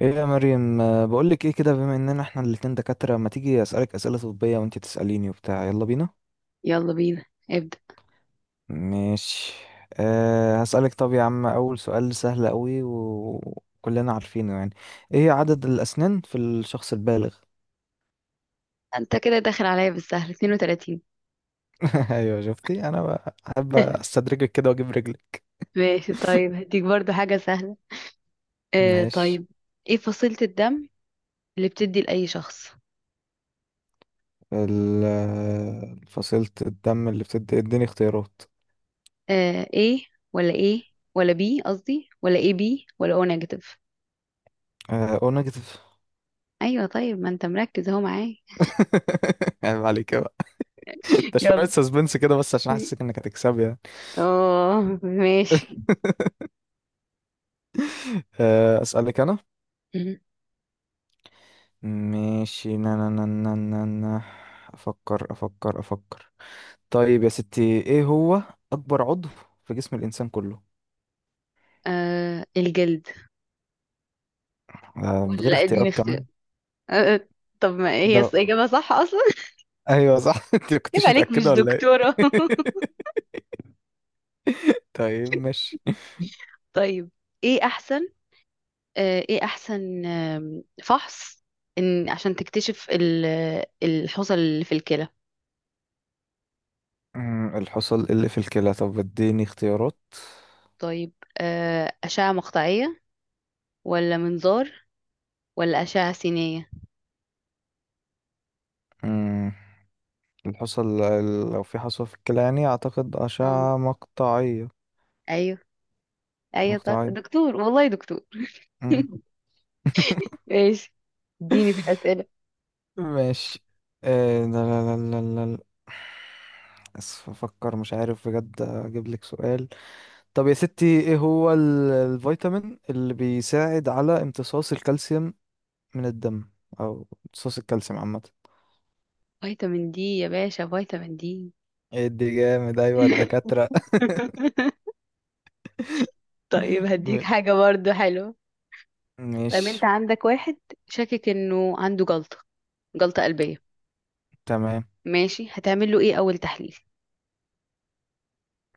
ايه يا مريم، بقولك ايه كده. بما اننا احنا الاتنين دكاترة، ما تيجي اسألك اسئلة طبية وانتي تسأليني وبتاع. يلا بينا. يلا بينا. ابدأ. ماشي. هسألك، طب يا عم، اول سؤال سهل قوي وكلنا عارفينه يعني. ايه عدد الاسنان في الشخص البالغ؟ انت كده داخل عليا بالسهل 32. ايوه، شفتي؟ انا بحب استدرجك كده واجيب رجلي. ماشي. طيب، هديك برضو حاجة سهلة. ماشي. طيب. ايه فصيلة الدم اللي بتدي لأي شخص؟ فصيلة الدم اللي بتدي، اديني اختيارات. ايه ولا ايه، ولا بي، قصدي، ولا ايه، بي، ولا او نيجاتيف؟ او نيجاتيف. ايوه، طيب، ما انت مركز اهو معايا. عيب عليك بقى. ده شوية يلا. سسبنس كده، بس عشان احسسك انك هتكسبي يعني. اه، ماشي. أسألك أنا. مهم. ماشي، نا نا نا نا نا نا. أفكر أفكر. طيب يا ستي، إيه هو أكبر عضو في جسم الإنسان كله؟ الجلد. من ولا، غير لا، اديني اختيارات اختيار. كمان؟ آه آه، طب ما هي ده إجابة صح أصلا؟ أيوه صح. أنت ما يبقى كنتش عليك متأكدة مش ولا إيه؟ دكتورة. طيب ماشي. طيب، ايه أحسن آه، ايه احسن فحص، ان عشان تكتشف الحصى اللي في الكلى. الحصى اللي في الكلى؟ طب اديني اختيارات. طيب، اشعة مقطعية، ولا منظار، ولا اشعة سينية؟ أمم، الحصى لو في حصوة في الكلى يعني أعتقد اه، أشعة مقطعية. ايوه، ايوه. طب مقطعية. دكتور، والله دكتور. أمم. ماشي. اديني في الاسئله. ماشي. لا. اسف، افكر مش عارف بجد اجيب لك سؤال. طب يا ستي، ايه هو الفيتامين اللي بيساعد على امتصاص الكالسيوم من الدم، او امتصاص الكالسيوم عامة؟ فيتامين دي يا باشا، فيتامين دي. ايه دي جامد، ايوه الدكاترة. طيب، هديك م- حاجه برضو حلوه. طيب، انت ماشي. عندك واحد شاكك انه عنده جلطه قلبيه. تمام. ماشي، هتعمل له ايه اول تحليل؟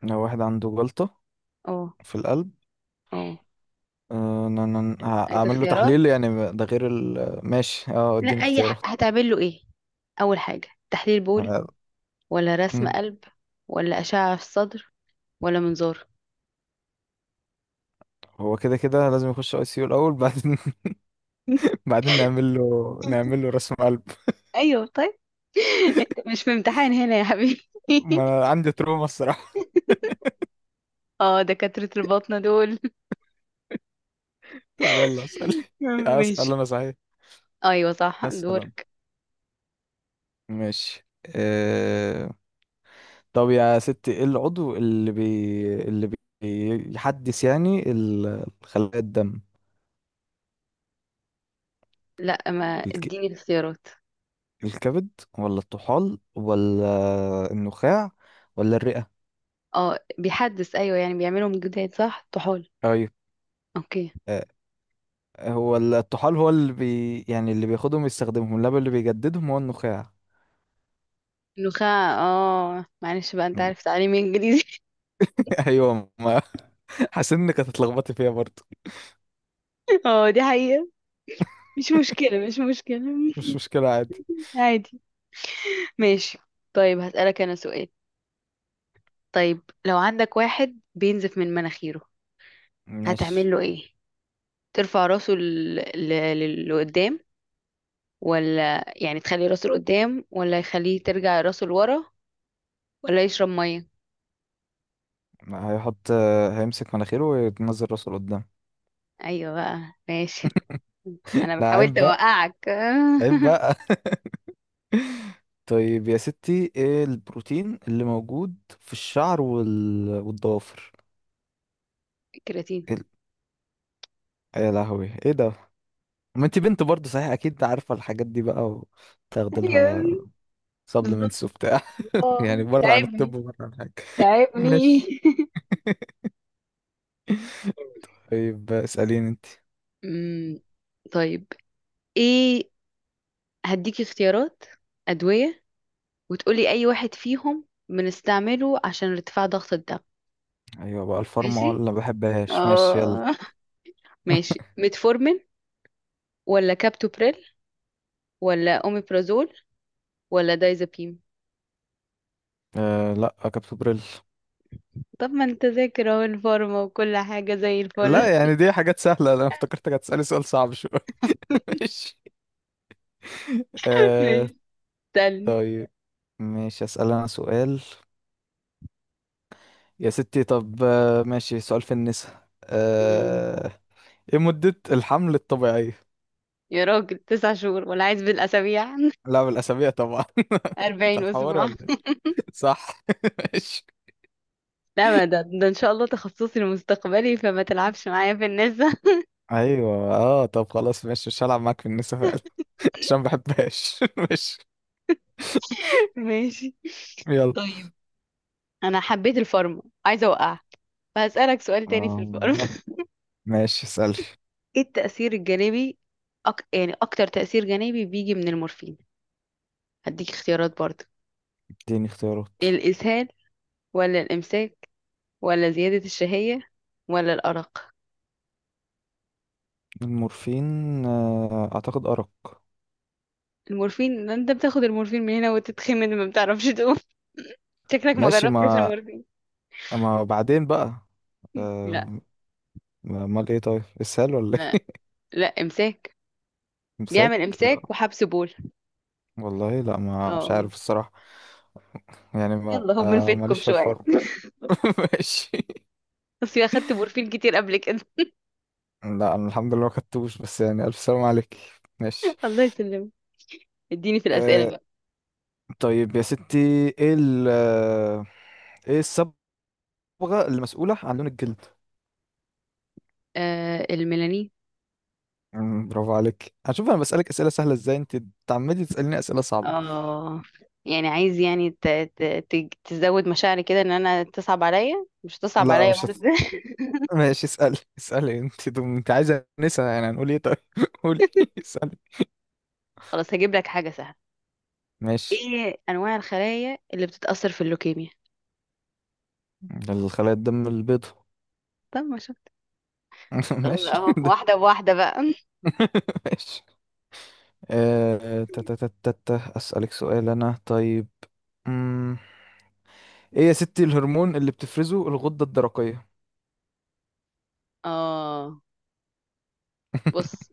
لو واحد عنده جلطة اه، في القلب، اه، عايزة هعمل له اختيارات. تحليل، يعني ده غير ال ماشي. اه لا، اديني اختيارات. هتعمل له ايه اول حاجة؟ تحليل بول، ولا رسم قلب، ولا اشعة في الصدر، ولا منظار؟ هو كده كده لازم يخش اي سي يو الاول، بعدين بعدين نعمل له، نعمل له رسم قلب. ايوه، طيب. انت مش في امتحان هنا يا حبيبي. ما انا عندي تروما الصراحه. اه، دكاترة الباطنة دول. طب يلا اسال ماشي. اسال انا صحيح. ايوه، صح، اسال انا. دورك. ماشي. أه... طب يا ستي، ايه العضو اللي بيحدث يعني خلايا الدم؟ لا، ما الك... اديني الاختيارات. الكبد ولا الطحال ولا النخاع ولا الرئه؟ اه، بيحدث، ايوه، يعني بيعملهم جداد. صح، طحال. ايوه. اوكي. أه... هو الطحال هو يعني اللي بياخدهم يستخدمهم، لا اللي بيجددهم هو النخاع. النخاع. اه معلش بقى، انت عارف تعليمي انجليزي. ايوه، ما حاسس انك هتتلخبطي فيها برضه. اه، دي حقيقة. مش مشكلة، مش مشكلة. مش مشكله عادي. عادي. ماشي. طيب، هسألك أنا سؤال. طيب، لو عندك واحد بينزف من مناخيره، ماشي. هتعمل له إيه؟ ترفع راسه لقدام، ولا يعني تخلي راسه لقدام، ولا يخليه ترجع راسه لورا، ولا يشرب مية؟ هيحط هيمسك مناخيره وينزل راسه لقدام. أيوة بقى، ماشي، أنا لا عيب حاولت بقى، أوقعك. عيب بقى. طيب يا ستي، ايه البروتين اللي موجود في الشعر والضوافر؟ كراتين. إيه يا لهوي ايه ده! ما انت بنت برضه صحيح، اكيد عارفه الحاجات دي بقى، وتاخدي أيوة، لها بالظبط. سبلمنتس وبتاع. يعني بره عن الطب تعبني، وبره عن حاجه. تعبني. ماشي. طيب اساليني انت. أمم، طيب، إيه؟ هديك اختيارات أدوية، وتقولي أي واحد فيهم بنستعمله عشان ارتفاع ضغط الدم. ايوه بقى، الفارما ولا ماشي، ما بحبهاش. ماشي يلا. اه. ماشي. ميتفورمين، ولا كابتوبريل، ولا أوميبرازول، ولا دايزابيم؟ آه لا، كابتن بريل. طب، ما انت ذاكر اهو الفارما وكل حاجة زي الفل. لا يعني دي حاجات سهلة، انا افتكرتك هتسألي سؤال صعب شوية. ماشي. آه. ماشي. تاني. طيب ماشي، اسال انا سؤال. يا ستي طب آه ماشي، سؤال في النساء أمم. آه. ايه مدة الحمل الطبيعية؟ يا راجل، تسع شهور، ولا عايز بالأسابيع؟ لا، بالأسابيع طبعا. انت أربعين هتحوري أسبوع. ولا ايه؟ صح. ماشي. لا، ما ده إن شاء الله تخصصي المستقبلي، فما تلعبش معايا في النساء. ايوه اه، طب خلاص ماشي مش هلعب معاك في النساء فعلا. عشان ما بحبهاش. ماشي. ماشي، يلا. طيب. أنا حبيت الفارما، عايزة أوقع، فهسألك سؤال تاني في آه الفارما. ماشي، اسألي. ايه التأثير الجانبي، يعني اكتر تأثير جانبي بيجي من المورفين؟ هديك اختيارات برضه. اديني اختيارات. الإسهال، ولا الإمساك، ولا زيادة الشهية، ولا الأرق؟ المورفين، اعتقد ارق. المورفين ده، انت بتاخد المورفين من هنا وتتخمن، ما بتعرفش تقوم. شكلك ما ماشي جربتش ما، المورفين. ما بعدين بقى. لا، آه، امال ايه طيب، اسهال ولا لا، ايه؟ لا إمساك. امساك؟ بيعمل لا إمساك وحبس بول. والله، لا ما مش اه. عارف الصراحة. يعني ما يلا، هو من فيتكم ماليش في شوية. الفرم. ماشي. بس اخدت مورفين كتير قبل كده. لا انا الحمد لله ما خدتوش، بس يعني الف سلام عليك. ماشي. الله يسلمك. اديني في الأسئلة أه. بقى. طيب يا ستي، ايه ال آه، ايه الصبغة المسؤولة عن لون الجلد؟ الميلانين. مم، برافو عليك. هشوف انا بسألك اسئلة سهلة ازاي، انت تعمدي تسأليني اسئلة صعبة. اه، يعني عايز، يعني تزود مشاعري كده، ان انا تصعب عليا مش تصعب لا عليا مش هت... برضه. ماشي، اسألي اسألي انت. دم... انت عايزة نسأل، يعني هنقول ايه طيب. قولي، اسألي. خلاص، هجيب لك حاجة سهلة. ماشي. ايه انواع الخلايا اللي بتتأثر في اللوكيميا؟ الخلايا الدم البيضاء. طب، ما شفت. خلاص ماشي اهو، ده. واحدة بواحدة بقى. ماشي. آه، آه، تا- تا- تا- تا- تا. أسألك سؤال أنا طيب. مم. إيه يا ستي الهرمون اللي بتفرزه الغدة الدرقية؟ اه، بص.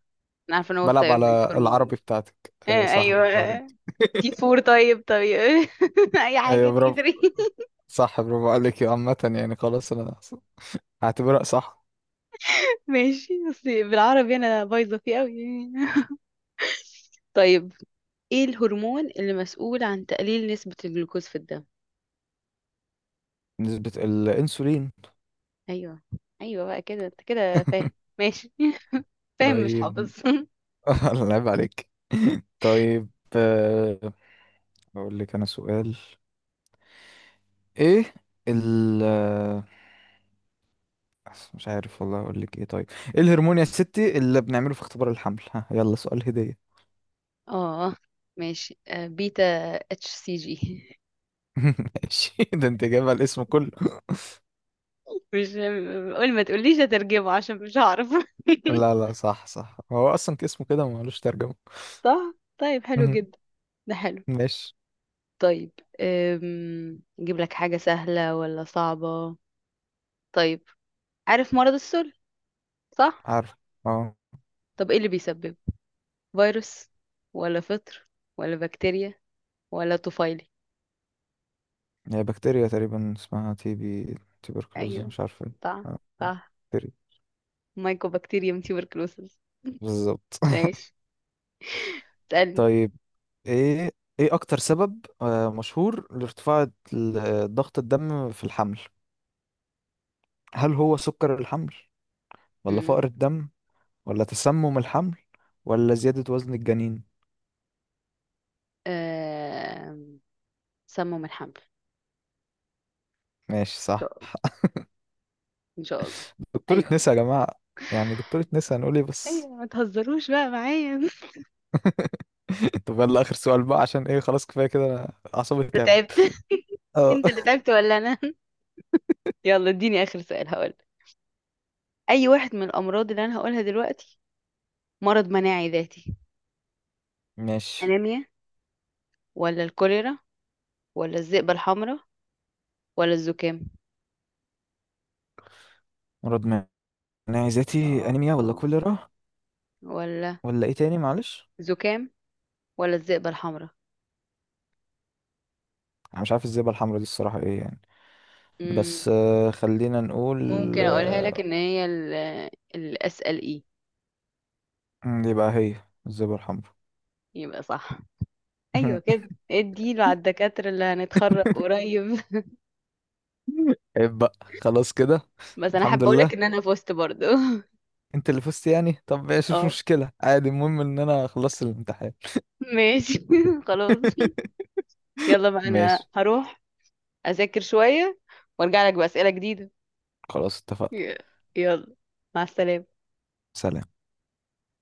انا عارفة ان هو بلعب الثيرويد على العربي هرمون. بتاعتك. آه، ايوه صح، ايوه. برافو عليك. تي فور. طيب، طيب. اي حاجة، ايوه تي برافو، ثري. صح برافو عليك يا عامة، يعني خلاص انا هعتبرها صح. ماشي، بس بالعربي انا بايظة فيه قوي. طيب، ايه الهرمون اللي مسؤول عن تقليل نسبة الجلوكوز في الدم؟ نسبة الأنسولين. ايوه، ايوه، بقى كده انت كده فاهم. ماشي. فاهم مش طيب. حافظ. الله يعيب عليك. طيب. آه، اقول لك انا سؤال. ايه ال آه، مش عارف والله اقول لك ايه طيب. ايه الهرمون يا ستي اللي بنعمله في اختبار الحمل؟ ها، يلا سؤال هدية. اه، ماشي. بيتا اتش سي جي. ماشي، ده انت جايبها الاسم كله. مش، قول، ما تقوليش هترجمه، عشان مش هعرف. لا لا صح صح، هو اصلا اسمه كده ملوش ترجمة. صح، طيب حلو مهم. جدا. ده حلو. ماشي. طيب، نجيب لك حاجة سهلة ولا صعبة؟ طيب، عارف مرض السل، صح؟ عارف. اه طب، ايه اللي بيسببه؟ فيروس، ولا فطر، ولا بكتيريا، ولا طفيلي؟ هي بكتيريا تقريبا اسمها تي بي، تيبركلوز ايوه، مش عارف ايه. صح، آه، آه، صح. بكتيريا. مايكوبكتيريوم تيوبركلوسيس. بالظبط. ماشي، اسألني. طيب. ايه ايه اكتر سبب مشهور لارتفاع ضغط الدم في الحمل؟ هل هو سكر الحمل ولا مم. فقر الدم ولا تسمم الحمل ولا زيادة وزن الجنين؟ آم، سموا من حمل. ماشي إن صح. شاء الله، إن شاء الله. دكتورة أيوة نسا كده. يا جماعة! يعني دكتورة نسا، هنقول ايه أيوة، بس. ما تهزروش بقى معايا. طب يلا اخر سؤال بقى، عشان ايه خلاص كفاية كده، انا اعصابي أنت تعبت. تعبت؟ اه. أنت اللي تعبت ولا أنا؟ يلا، اديني آخر سؤال. هقول أي واحد من الأمراض اللي أنا هقولها دلوقتي مرض مناعي ذاتي؟ ماشي. أنيميا، ولا الكوليرا، ولا الذئبة الحمراء، ولا الزكام؟ مرض مناعي ذاتي، اه، انيميا ولا اه. كوليرا ولا ولا ايه تاني معلش؟ زكام، ولا الذئبة الحمراء. انا مش عارف الزبدة الحمراء دي الصراحة ايه يعني، مم. بس خلينا نقول. ممكن أقولها لك آه، إن هي الأسأل إيه؟ يبقى هي الزبرة الحمراء. يبقى صح. ايوه كده، اديله على الدكاترة اللي هنتخرج قريب. عيب بقى، خلاص كده. بس انا حابة الحمد اقولك لله. ان انا فزت برضو. انت اللي فزت يعني، طب ماشي مش اه، مشكلة عادي، المهم ان انا خلصت الامتحان. ماشي. خلاص. يلا بقى، انا ماشي. هروح اذاكر شوية وارجع لك بأسئلة جديدة. خلاص اتفقنا. ي- يلا، مع السلامة. سلام.